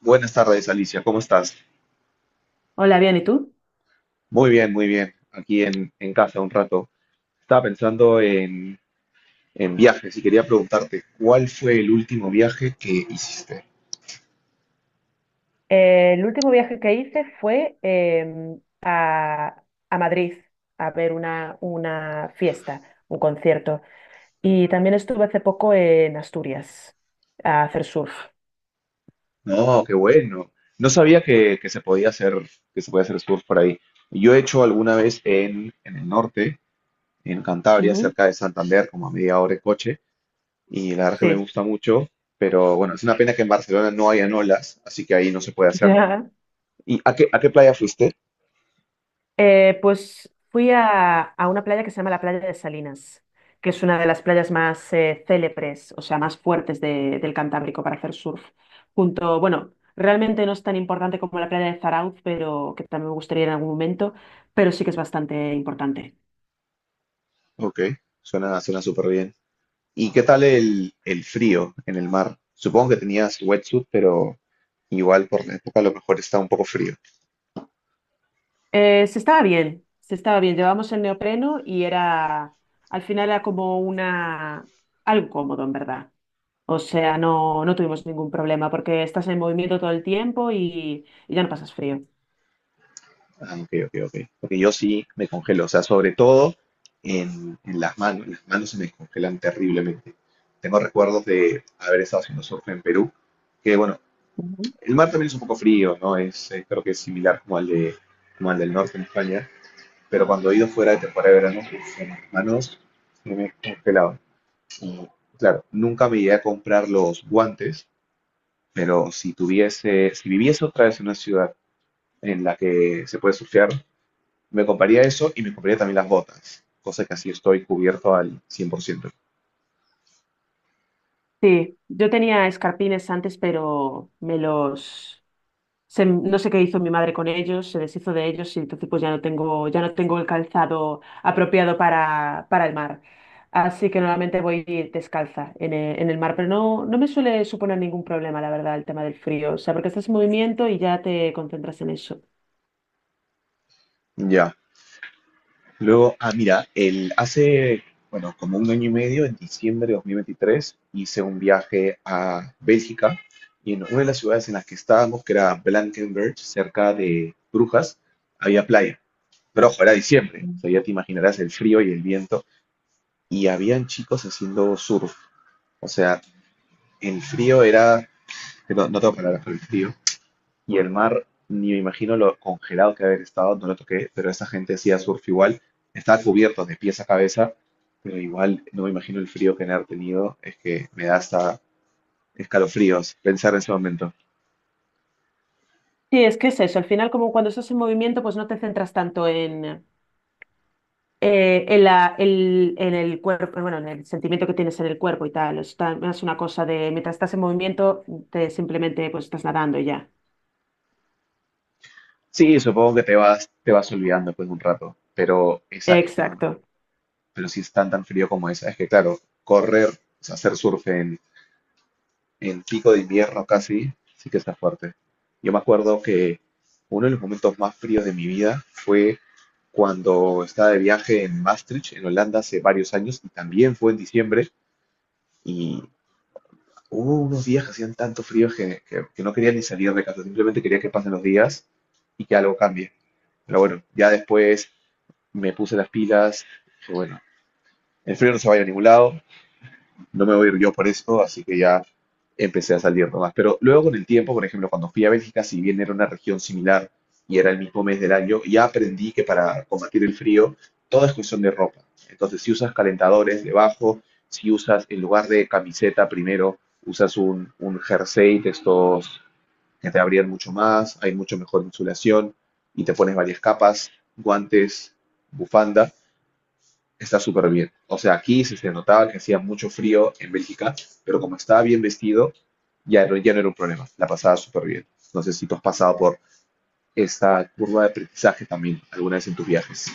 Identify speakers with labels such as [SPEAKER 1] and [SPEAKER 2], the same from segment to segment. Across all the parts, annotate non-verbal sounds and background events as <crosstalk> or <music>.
[SPEAKER 1] Buenas tardes, Alicia, ¿cómo estás?
[SPEAKER 2] Hola, bien, ¿y tú?
[SPEAKER 1] Muy bien, muy bien. Aquí en casa un rato. Estaba pensando en viajes y quería preguntarte, ¿cuál fue el último viaje que hiciste?
[SPEAKER 2] El último viaje que hice fue a Madrid a ver una fiesta, un concierto. Y también estuve hace poco en Asturias a hacer surf.
[SPEAKER 1] No, qué bueno. No sabía que se podía hacer surf por ahí. Yo he hecho alguna vez en el norte, en Cantabria,
[SPEAKER 2] Ujú.
[SPEAKER 1] cerca de Santander, como a media hora de coche, y la verdad que me
[SPEAKER 2] Sí,
[SPEAKER 1] gusta mucho, pero bueno, es una pena que en Barcelona no hayan olas, así que ahí no se puede
[SPEAKER 2] <laughs>
[SPEAKER 1] hacer.
[SPEAKER 2] ya.
[SPEAKER 1] ¿Y a qué playa fuiste?
[SPEAKER 2] Pues fui a una playa que se llama la playa de Salinas, que es una de las playas más célebres, o sea, más fuertes del Cantábrico para hacer surf. Junto, bueno, realmente no es tan importante como la playa de Zarauz, pero que también me gustaría ir en algún momento, pero sí que es bastante importante.
[SPEAKER 1] Ok, suena súper bien. ¿Y qué tal el frío en el mar? Supongo que tenías wetsuit, pero igual por la época a lo mejor está un poco frío.
[SPEAKER 2] Se estaba bien. Llevábamos el neopreno y era, al final era como una, algo cómodo, en verdad. O sea, no tuvimos ningún problema porque estás en movimiento todo el tiempo y ya no pasas frío.
[SPEAKER 1] Ah, ok, ok, ok. Porque yo sí me congelo, o sea, sobre todo en las manos. Las manos se me congelan terriblemente. Tengo recuerdos de haber estado haciendo surf en Perú, que bueno,
[SPEAKER 2] Ujú.
[SPEAKER 1] el mar también es un poco frío, ¿no? Es, creo que es similar como al del norte en España, pero cuando he ido fuera de temporada de verano, uf, en las manos se me congelaban. Mm, Claro, nunca me llegué a comprar los guantes, pero si tuviese, si viviese otra vez en una ciudad en la que se puede surfear, me compraría eso y me compraría también las botas, cosa que así estoy cubierto al 100%.
[SPEAKER 2] Sí, yo tenía escarpines antes, pero me los... no sé qué hizo mi madre con ellos, se deshizo de ellos y entonces pues ya no tengo el calzado apropiado para el mar. Así que normalmente voy descalza en en el mar, pero no me suele suponer ningún problema, la verdad, el tema del frío. O sea, porque estás en movimiento y ya te concentras en eso.
[SPEAKER 1] Ya. Luego, ah, mira, hace, bueno, como un año y medio, en diciembre de 2023 hice un viaje a Bélgica y en una de las ciudades en las que estábamos, que era Blankenberge, cerca de Brujas, había playa. Pero ojo, era diciembre, o sea, ya te imaginarás el frío y el viento. Y habían chicos haciendo surf. O sea, el frío era, que no, no tengo palabras para el frío. Y el mar, ni me imagino lo congelado que haber estado, no lo toqué, pero esa gente hacía surf igual. Estaba cubierto de pies a cabeza, pero igual no me imagino el frío que han de haber tenido. Es que me da hasta escalofríos pensar en ese momento.
[SPEAKER 2] Sí, es que es eso. Al final, como cuando estás en movimiento, pues no te centras tanto en el cuerpo, bueno, en el sentimiento que tienes en el cuerpo y tal. Es una cosa de mientras estás en movimiento, te simplemente pues estás nadando y ya.
[SPEAKER 1] Sí, supongo que te vas olvidando después de un rato, pero esa es que
[SPEAKER 2] Exacto.
[SPEAKER 1] pero si es tan tan frío como es que claro, correr, o sea, hacer surf en pico de invierno casi, sí que está fuerte. Yo me acuerdo que uno de los momentos más fríos de mi vida fue cuando estaba de viaje en Maastricht, en Holanda, hace varios años, y también fue en diciembre, y hubo unos días que hacían tanto frío que no quería ni salir de casa, simplemente quería que pasen los días y que algo cambie. Pero bueno, ya después me puse las pilas, dije, bueno, el frío no se va a ir a ningún lado, no me voy a ir yo por esto, así que ya empecé a salir nomás. Pero luego con el tiempo, por ejemplo, cuando fui a Bélgica, si bien era una región similar y era el mismo mes del año, ya aprendí que para combatir el frío todo es cuestión de ropa. Entonces, si usas calentadores debajo, si usas en lugar de camiseta primero, usas un jersey de estos que te abrían mucho más, hay mucho mejor insulación y te pones varias capas, guantes, bufanda. Está súper bien. O sea, aquí se notaba que hacía mucho frío en Bélgica, pero como estaba bien vestido, ya no, ya no era un problema. La pasaba súper bien. No sé si tú has pasado por esta curva de aprendizaje también alguna vez en tus viajes.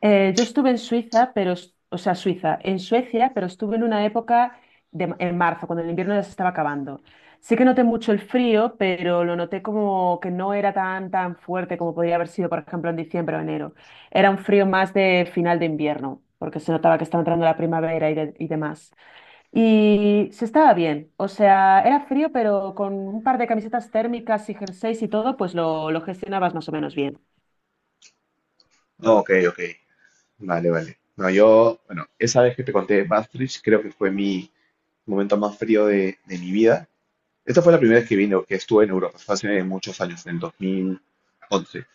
[SPEAKER 2] Yo estuve en Suiza, pero, en Suecia, pero estuve en una época en marzo, cuando el invierno ya se estaba acabando. Sí que noté mucho el frío, pero lo noté como que no era tan fuerte como podría haber sido, por ejemplo, en diciembre o enero. Era un frío más de final de invierno, porque se notaba que estaba entrando la primavera y demás. Y se estaba bien, o sea, era frío, pero con un par de camisetas térmicas y jerseys y todo, pues lo gestionabas más o menos bien.
[SPEAKER 1] No, ok, ok. Vale, vale. No, yo, bueno, esa vez que te conté de Maastricht, creo que fue mi momento más frío de mi vida. Esta fue la primera vez que vine, que estuve en Europa. Fue hace muchos años, en el 2011.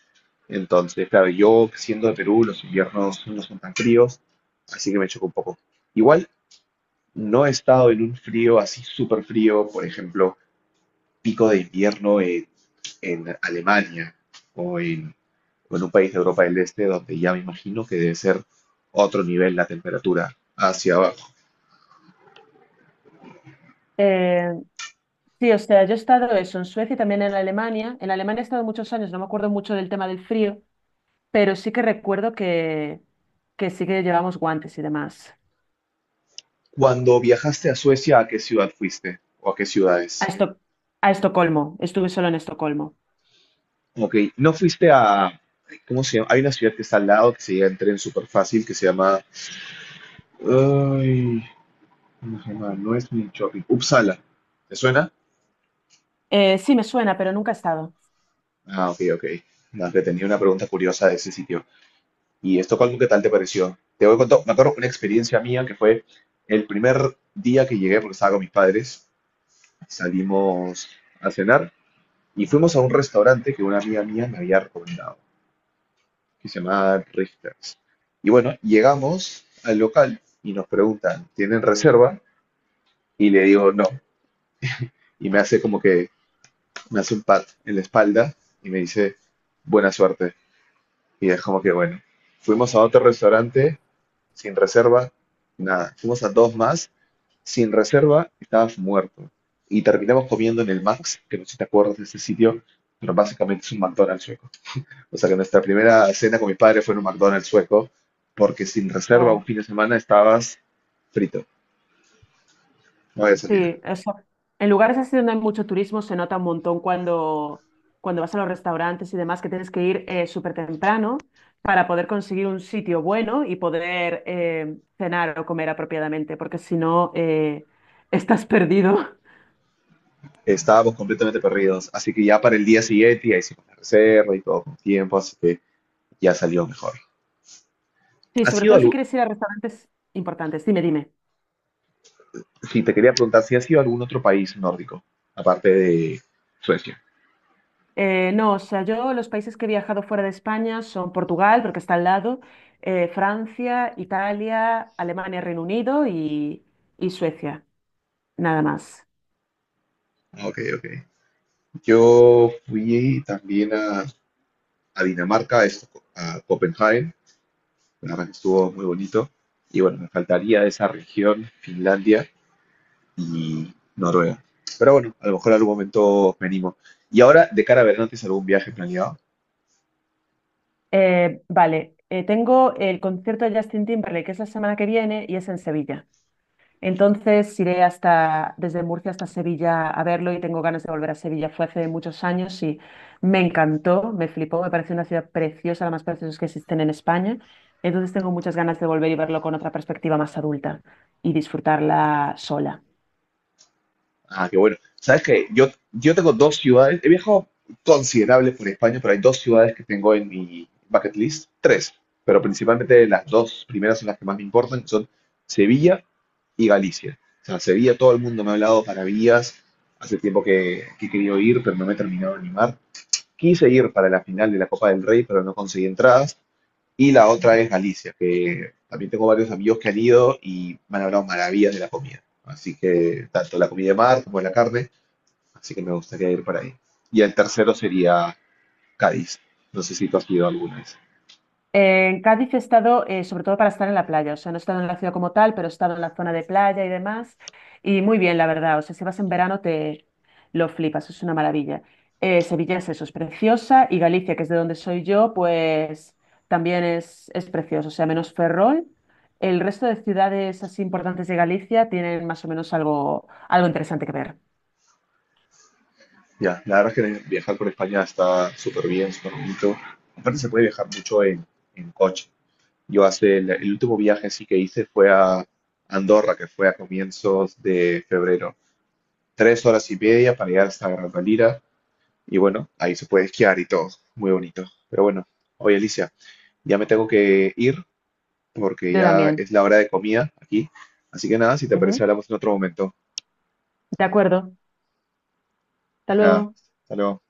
[SPEAKER 1] Entonces, claro, yo siendo de Perú, los inviernos no son tan fríos, así que me chocó un poco. Igual no he estado en un frío así súper frío, por ejemplo, pico de invierno en Alemania o en, o en un país de Europa del Este, donde ya me imagino que debe ser otro nivel la temperatura hacia abajo.
[SPEAKER 2] Eh, sí, o sea, yo he estado eso en Suecia y también en Alemania. En Alemania he estado muchos años, no me acuerdo mucho del tema del frío, pero sí que recuerdo que sí que llevamos guantes y demás.
[SPEAKER 1] Cuando viajaste a Suecia, ¿a qué ciudad fuiste? ¿O a qué
[SPEAKER 2] A
[SPEAKER 1] ciudades?
[SPEAKER 2] Esto- a Estocolmo, estuve solo en Estocolmo.
[SPEAKER 1] Ok, no fuiste a... ¿Cómo se llama? Hay una ciudad que está al lado que se llega en tren súper fácil, que se llama Ay, ¿cómo se llama? No es mi shopping. Uppsala. ¿Te suena?
[SPEAKER 2] Sí, me suena, pero nunca he estado.
[SPEAKER 1] Ah, ok, ok. No, que tenía una pregunta curiosa de ese sitio. ¿Y Estocolmo qué tal te pareció? Te voy a contar, me acuerdo una experiencia mía que fue el primer día que llegué, porque estaba con mis padres, salimos a cenar y fuimos a un restaurante que una amiga mía me había recomendado, que se llamaba Richters. Y bueno, llegamos al local y nos preguntan, ¿tienen reserva? Y le digo, no. Y me hace como que, me hace un pat en la espalda y me dice buena suerte. Y es como que bueno, fuimos a otro restaurante sin reserva, nada. Fuimos a dos más sin reserva, estabas muerto. Y terminamos comiendo en el Max, que no sé si te acuerdas de ese sitio, pero básicamente es un McDonald's sueco. O sea que nuestra primera cena con mi padre fue en un McDonald's sueco, porque sin reserva un
[SPEAKER 2] Oh.
[SPEAKER 1] fin de semana estabas frito, no había salida.
[SPEAKER 2] Sí, eso. En lugares así donde hay mucho turismo se nota un montón cuando vas a los restaurantes y demás que tienes que ir súper temprano para poder conseguir un sitio bueno y poder cenar o comer apropiadamente, porque si no estás perdido. <laughs>
[SPEAKER 1] Estábamos completamente perdidos, así que ya para el día siguiente ya hicimos la reserva y todo con tiempo, así que ya salió mejor.
[SPEAKER 2] Sí,
[SPEAKER 1] ¿Ha
[SPEAKER 2] sobre
[SPEAKER 1] sido
[SPEAKER 2] todo si
[SPEAKER 1] algún,
[SPEAKER 2] quieres ir a restaurantes importantes. Dime, dime.
[SPEAKER 1] sí, te quería preguntar si ha sido algún otro país nórdico, aparte de Suecia?
[SPEAKER 2] No, o sea, yo los países que he viajado fuera de España son Portugal, porque está al lado, Francia, Italia, Alemania, Reino Unido y Suecia, nada más.
[SPEAKER 1] Ok, ok. Yo fui también a Dinamarca, a Copenhague, la verdad que estuvo muy bonito. Y bueno, me faltaría esa región, Finlandia y Noruega. Pero bueno, a lo mejor en algún momento venimos. Y ahora, de cara a verano, ¿tienes algún viaje planeado?
[SPEAKER 2] Vale, tengo el concierto de Justin Timberlake, que es la semana que viene y es en Sevilla. Entonces iré hasta, desde Murcia hasta Sevilla a verlo y tengo ganas de volver a Sevilla. Fue hace muchos años y me encantó, me flipó, me pareció una ciudad preciosa, la más preciosa que existen en España. Entonces tengo muchas ganas de volver y verlo con otra perspectiva más adulta y disfrutarla sola.
[SPEAKER 1] Ah, qué bueno. Sabes que yo tengo dos ciudades, he viajado considerable por España, pero hay dos ciudades que tengo en mi bucket list, tres, pero principalmente las dos primeras son las que más me importan, que son Sevilla y Galicia. O sea, Sevilla todo el mundo me ha hablado maravillas, hace tiempo que he querido ir, pero no me he terminado de animar. Quise ir para la final de la Copa del Rey, pero no conseguí entradas. Y la otra es Galicia, que también tengo varios amigos que han ido y me han hablado maravillas de la comida. Así que tanto la comida de mar como la carne, así que me gustaría ir para ahí. Y el tercero sería Cádiz. No sé si tú has ido alguna vez.
[SPEAKER 2] En Cádiz he estado sobre todo para estar en la playa, o sea, no he estado en la ciudad como tal, pero he estado en la zona de playa y demás, y muy bien, la verdad, o sea, si vas en verano te lo flipas, es una maravilla. Sevilla es eso, es preciosa, y Galicia, que es de donde soy yo, pues también es precioso, o sea, menos Ferrol, el resto de ciudades así importantes de Galicia tienen más o menos algo, algo interesante que ver.
[SPEAKER 1] Ya, la verdad es que viajar por España está súper bien, súper bonito. Aparte se puede viajar mucho en coche. Yo hace el último viaje sí que hice fue a Andorra, que fue a comienzos de febrero. 3 horas y media para llegar hasta Gran Valira. Y bueno, ahí se puede esquiar y todo. Muy bonito. Pero bueno, oye Alicia, ya me tengo que ir porque
[SPEAKER 2] Yo
[SPEAKER 1] ya
[SPEAKER 2] también.
[SPEAKER 1] es la hora de comida aquí. Así que nada, si te parece,
[SPEAKER 2] Ujú.
[SPEAKER 1] hablamos en otro momento.
[SPEAKER 2] De acuerdo, hasta
[SPEAKER 1] Pues nada,
[SPEAKER 2] luego.
[SPEAKER 1] hasta luego.